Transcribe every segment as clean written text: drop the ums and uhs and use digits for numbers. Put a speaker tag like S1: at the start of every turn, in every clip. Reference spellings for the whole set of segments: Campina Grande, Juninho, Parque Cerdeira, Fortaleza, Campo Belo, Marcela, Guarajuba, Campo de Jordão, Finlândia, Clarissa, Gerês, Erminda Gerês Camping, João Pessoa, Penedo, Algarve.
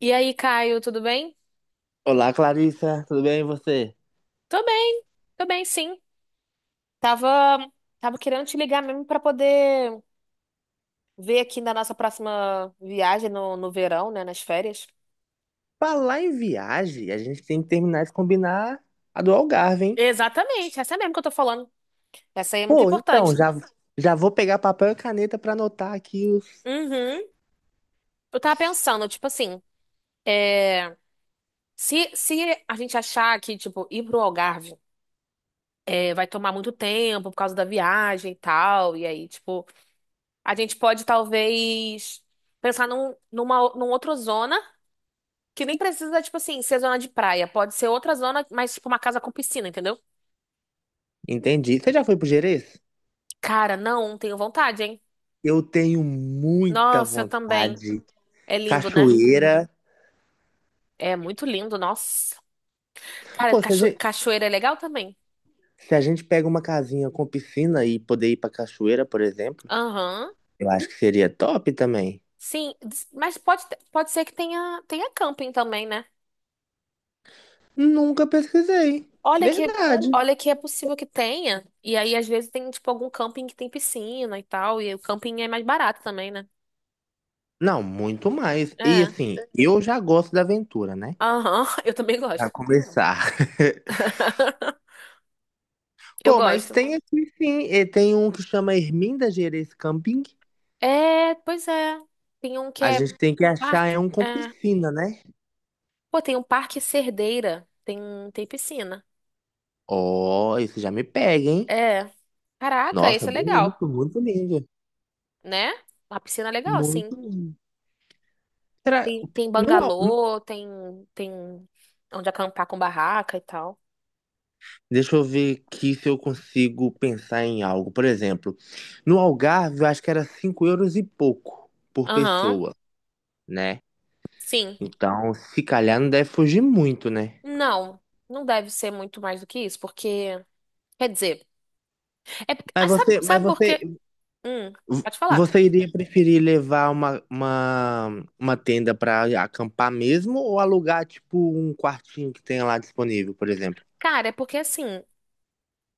S1: E aí, Caio, tudo bem?
S2: Olá, Clarissa, tudo bem e você?
S1: Tô bem, tô bem, sim. Tava, tava querendo te ligar mesmo pra poder ver aqui na nossa próxima viagem no verão, né, nas férias.
S2: Falar em viagem, a gente tem que terminar de combinar a do Algarve, hein?
S1: Exatamente, essa mesmo que eu tô falando. Essa aí é muito
S2: Pô, então,
S1: importante.
S2: já vou pegar papel e caneta pra anotar aqui os.
S1: Uhum. Eu tava pensando, tipo assim, é, se a gente achar que, tipo, ir pro Algarve é, vai tomar muito tempo por causa da viagem e tal, e aí, tipo, a gente pode talvez pensar num outra zona. Que nem precisa, tipo assim, ser zona de praia. Pode ser outra zona, mas tipo uma casa com piscina, entendeu?
S2: Entendi. Você já foi pro Gerês?
S1: Cara, não, tenho vontade, hein?
S2: Eu tenho muita
S1: Nossa, eu também.
S2: vontade.
S1: É lindo, né?
S2: Cachoeira.
S1: É muito lindo, nossa. Cara,
S2: Pô,
S1: cachoeira é legal também.
S2: se a gente pega uma casinha com piscina e poder ir pra cachoeira, por exemplo,
S1: Aham.
S2: eu acho que seria top também.
S1: Sim, mas pode, pode ser que tenha camping também, né?
S2: Nunca pesquisei.
S1: Olha que,
S2: Verdade.
S1: olha que é possível que tenha. E aí, às vezes, tem, tipo, algum camping que tem piscina e tal. E o camping é mais barato também, né?
S2: Não, muito mais. E
S1: É.
S2: assim, eu já gosto da aventura, né?
S1: Aham, eu também
S2: Pra
S1: gosto.
S2: começar.
S1: Eu
S2: Pô, mas
S1: gosto.
S2: tem aqui sim, e tem um que chama Erminda Gerês Camping.
S1: É, pois é. Tem um que
S2: A
S1: é
S2: gente tem que achar
S1: parque.
S2: é um com
S1: É.
S2: piscina, né?
S1: Pô, tem um parque Cerdeira. Tem, tem piscina.
S2: Ó, isso já me pega, hein?
S1: É. Caraca,
S2: Nossa,
S1: esse é
S2: bem
S1: legal,
S2: bonito, muito lindo.
S1: né? Uma piscina é legal, assim.
S2: Muito lindo. Será...
S1: Tem
S2: No... Al-
S1: bangalô, tem, tem onde acampar com barraca e tal.
S2: Deixa eu ver aqui se eu consigo pensar em algo. Por exemplo, no Algarve eu acho que era 5 euros e pouco por
S1: Aham,
S2: pessoa, né?
S1: sim.
S2: Então, se calhar não deve fugir muito, né?
S1: Não, não deve ser muito mais do que isso, porque. Quer dizer, é, porque- ah,
S2: Mas você, mas
S1: sabe por
S2: você,
S1: quê? Hum, pode falar.
S2: Você iria preferir levar uma tenda para acampar mesmo ou alugar, tipo, um quartinho que tenha lá disponível, por exemplo?
S1: Cara, é porque assim.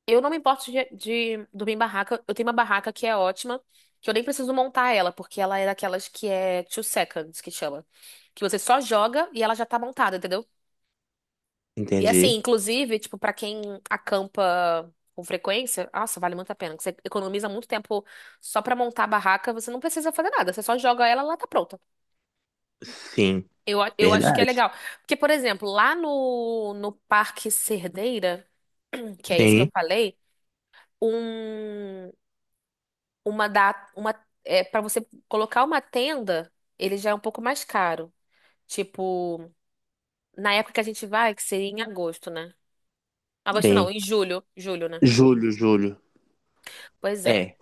S1: Eu não me importo de dormir em barraca. Eu tenho uma barraca que é ótima, que eu nem preciso montar ela, porque ela é daquelas que é two seconds, que chama. Que você só joga e ela já tá montada, entendeu? E assim,
S2: Entendi.
S1: inclusive, tipo, pra quem acampa com frequência, nossa, vale muito a pena. Que você economiza muito tempo só pra montar a barraca, você não precisa fazer nada, você só joga ela e ela tá pronta.
S2: Sim,
S1: Eu acho que é
S2: verdade.
S1: legal. Porque, por exemplo, lá no Parque Cerdeira, que é esse que eu
S2: Sim,
S1: falei, um. Uma da uma é, para você colocar uma tenda, ele já é um pouco mais caro. Tipo, na época que a gente vai, que seria em agosto, né? Agosto não,
S2: sim.
S1: em julho, né?
S2: Julho, julho.
S1: Pois é.
S2: É,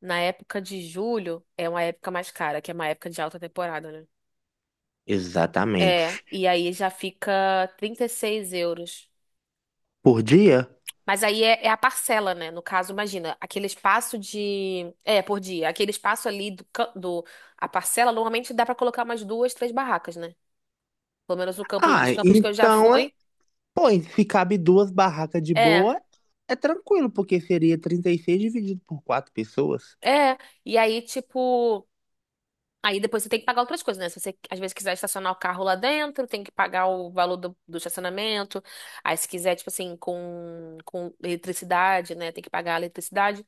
S1: Na época de julho é uma época mais cara, que é uma época de alta temporada, né? É,
S2: exatamente.
S1: e aí já fica 36 euros.
S2: Por dia?
S1: Mas aí é, é a parcela, né? No caso, imagina, aquele espaço de. É, por dia. Aquele espaço ali do, do. A parcela, normalmente dá pra colocar umas duas, três barracas, né? Pelo menos o campo, os
S2: Ah,
S1: campos que eu já
S2: então,
S1: fui.
S2: é, pô, e se cabe duas barracas de
S1: É,
S2: boa, é tranquilo, porque seria 36 dividido por quatro pessoas.
S1: é. E aí, tipo. Aí depois você tem que pagar outras coisas, né? Se você, às vezes, quiser estacionar o carro lá dentro, tem que pagar o valor do estacionamento. Aí, se quiser, tipo assim, com eletricidade, né? Tem que pagar a eletricidade.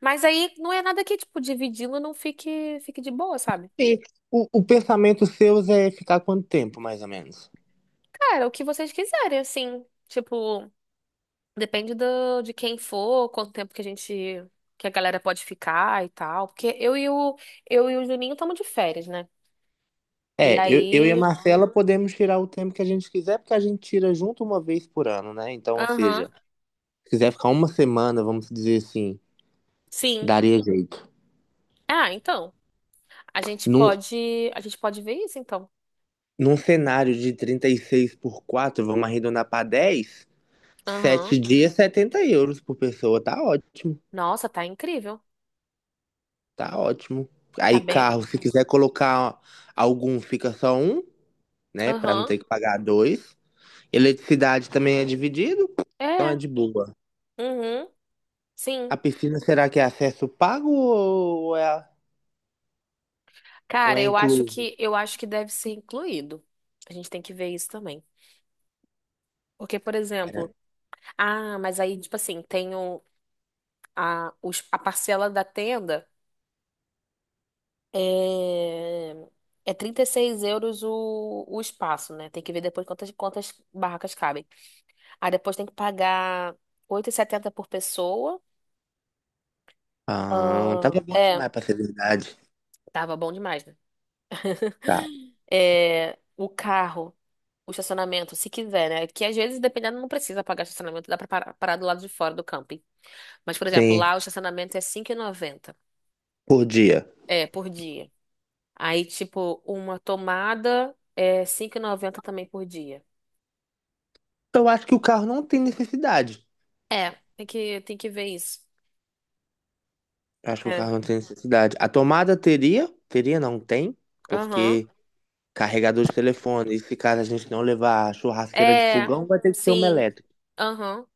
S1: Mas aí não é nada que, tipo, dividindo não fique de boa, sabe?
S2: E o pensamento seu é ficar quanto tempo, mais ou menos?
S1: Cara, o que vocês quiserem, assim. Tipo. Depende do, de quem for, quanto tempo que que a galera pode ficar e tal. Porque eu e o Juninho estamos de férias, né? E
S2: É, eu e a
S1: aí,
S2: Marcela podemos tirar o tempo que a gente quiser, porque a gente tira junto uma vez por ano, né? Então, ou
S1: aham,
S2: seja, se quiser ficar uma semana, vamos dizer assim,
S1: sim.
S2: daria jeito.
S1: Ah, então,
S2: Num,
S1: a gente pode ver isso, então.
S2: num cenário de 36 por 4, vamos arredondar para 10, sete
S1: Aham.
S2: dias, 70 euros por pessoa. Tá ótimo,
S1: Nossa, tá incrível.
S2: tá ótimo.
S1: Tá
S2: Aí,
S1: bem.
S2: carro, se quiser colocar algum, fica só um, né? Para não
S1: Aham.
S2: ter que pagar dois. Eletricidade também é dividido, então é
S1: É.
S2: de boa.
S1: Uhum.
S2: A
S1: Sim.
S2: piscina será que é acesso pago ou
S1: Cara,
S2: é incluso?
S1: eu acho que deve ser incluído. A gente tem que ver isso também. Porque, por
S2: Pera.
S1: exemplo, ah, mas aí, tipo assim, tem o, a parcela da tenda. É, é 36 euros o espaço, né? Tem que ver depois quantas barracas cabem. Aí depois tem que pagar 8,70 por pessoa.
S2: Ah,
S1: Ah,
S2: tava bom
S1: é,
S2: demais pra ser verdade.
S1: tava bom demais, né?
S2: Tá.
S1: É, o carro, o estacionamento, se quiser, né? Que às vezes, dependendo, não precisa pagar estacionamento, dá pra parar, parar do lado de fora do camping. Mas, por exemplo,
S2: Sim,
S1: lá o estacionamento é 5,90
S2: por dia.
S1: é, por dia. Aí, tipo, uma tomada é 5,90 também por dia.
S2: Então, eu acho que o carro não tem necessidade.
S1: É, tem que ver isso.
S2: Eu acho que o
S1: É.
S2: carro não tem necessidade. A tomada teria? Teria, não tem,
S1: Aham.
S2: porque carregador de telefone, e se caso a gente não levar a churrasqueira de
S1: É,
S2: fogão, vai ter que ser uma
S1: sim.
S2: elétrica.
S1: Aham.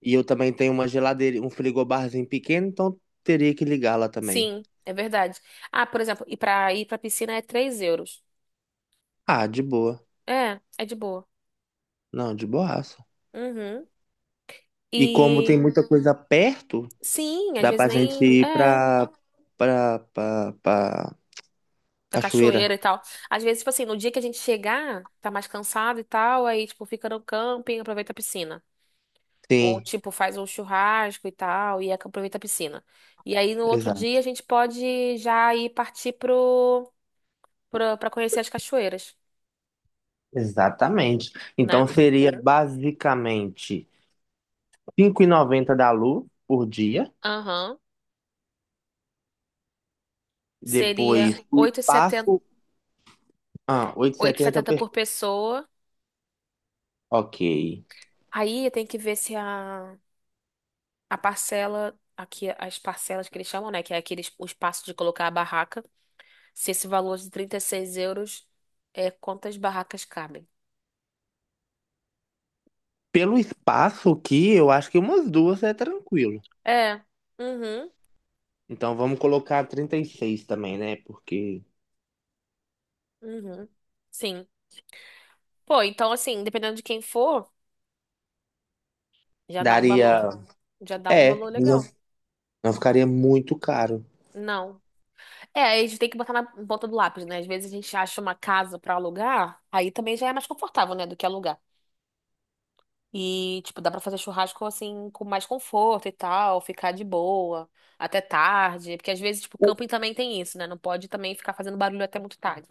S2: E eu também tenho uma geladeira, um frigobarzinho pequeno, então teria que ligar lá também.
S1: Sim, é verdade. Ah, por exemplo, e pra ir pra piscina é 3 euros.
S2: Ah, de boa.
S1: É, é de boa.
S2: Não, de boaça.
S1: Uhum.
S2: E como tem
S1: E
S2: muita coisa perto,
S1: sim, às
S2: dá
S1: vezes
S2: pra gente
S1: nem.
S2: ir
S1: É,
S2: pra
S1: da
S2: cachoeira.
S1: cachoeira e tal. Às vezes, tipo assim, no dia que a gente chegar, tá mais cansado e tal, aí, tipo, fica no camping, aproveita a piscina. Ou,
S2: Sim,
S1: tipo, faz um churrasco e tal, e aproveita a piscina. E aí, no outro
S2: exa
S1: dia, a gente pode já ir partir pro. Pra, pra conhecer as cachoeiras,
S2: exatamente.
S1: né?
S2: Então seria basicamente 5,90 da Lu por dia.
S1: Aham. Seria
S2: Depois o
S1: 8,70
S2: espaço. Ah, oito e
S1: oito e
S2: setenta
S1: setenta
S2: per.
S1: por pessoa.
S2: Ok.
S1: Aí tem que ver se a, a parcela, aqui as parcelas que eles chamam, né? Que é aquele o espaço de colocar a barraca. Se esse valor de 36 euros é quantas barracas cabem.
S2: Pelo espaço aqui, eu acho que umas duas é tranquilo.
S1: É. Uhum.
S2: Então vamos colocar 36 também, né? Porque
S1: Uhum. Sim. Pô, então assim, dependendo de quem for, já dá um valor,
S2: daria.
S1: já dá um
S2: É,
S1: valor
S2: não,
S1: legal.
S2: não ficaria muito caro.
S1: Não. É, aí a gente tem que botar na ponta do lápis, né? Às vezes a gente acha uma casa pra alugar, aí também já é mais confortável, né, do que alugar. E, tipo, dá pra fazer churrasco assim, com mais conforto e tal, ficar de boa, até tarde. Porque às vezes, tipo, camping também tem isso, né? Não pode também ficar fazendo barulho até muito tarde,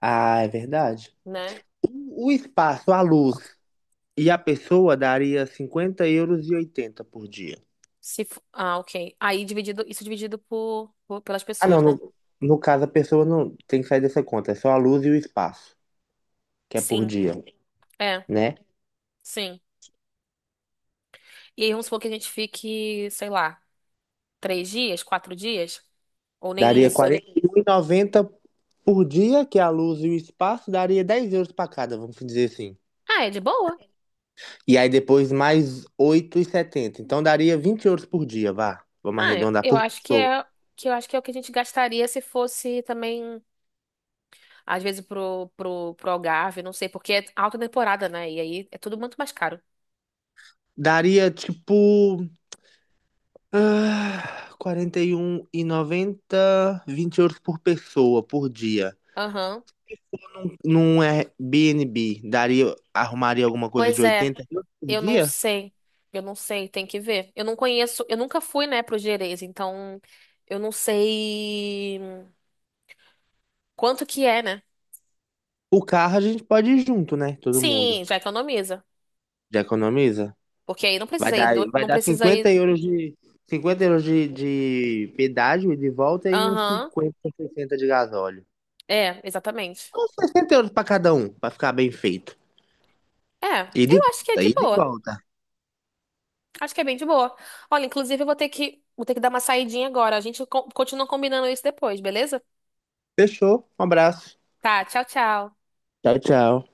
S2: Ah, é verdade.
S1: né?
S2: O espaço, a luz e a pessoa daria 50,80 euros por dia.
S1: Se... fo- Ah, ok. Aí dividido, isso dividido pelas
S2: Ah, não,
S1: pessoas, né?
S2: no, no caso a pessoa não tem que sair dessa conta, é só a luz e o espaço, que é por
S1: Sim,
S2: dia,
S1: é,
S2: né?
S1: sim. E aí vamos supor que a gente fique, sei lá, três dias, quatro dias, ou nem
S2: Daria
S1: isso.
S2: 41,90 por dia, que é a luz e o espaço, daria 10 euros para cada, vamos dizer assim.
S1: Ah, é de boa?
S2: E aí depois mais 8,70 então daria 20 euros por dia, vá. Vamos
S1: Ah,
S2: arredondar
S1: eu
S2: por
S1: acho que
S2: pessoa.
S1: é que eu acho que é o que a gente gastaria se fosse também, às vezes, pro Algarve, não sei, porque é alta temporada, né? E aí é tudo muito mais caro.
S2: Daria tipo Ah, 41,90, 20 euros por pessoa, por dia.
S1: Aham.
S2: Num num Airbnb, daria, arrumaria alguma coisa de
S1: Pois é,
S2: 80 euros por
S1: eu não
S2: dia?
S1: sei. Eu não sei, tem que ver. Eu não conheço, eu nunca fui, né, pro Gerês, então eu não sei quanto que é, né?
S2: O carro a gente pode ir junto, né? Todo mundo.
S1: Sim, já economiza.
S2: Já economiza?
S1: Porque aí não precisa ir,
S2: Vai
S1: não
S2: dar
S1: precisa
S2: 50
S1: ir.
S2: euros de, 50 euros de pedágio e de volta e uns
S1: Aham.
S2: 50, 60 de gasóleo.
S1: É, exatamente.
S2: Uns 60 euros pra cada um, pra ficar bem feito.
S1: É,
S2: E de
S1: eu acho que é
S2: volta,
S1: de
S2: e de
S1: boa.
S2: volta.
S1: Acho que é bem de boa. Olha, inclusive eu vou ter que dar uma saidinha agora. A gente continua combinando isso depois, beleza?
S2: Fechou? Um abraço.
S1: Tá, tchau, tchau.
S2: Tchau, tchau.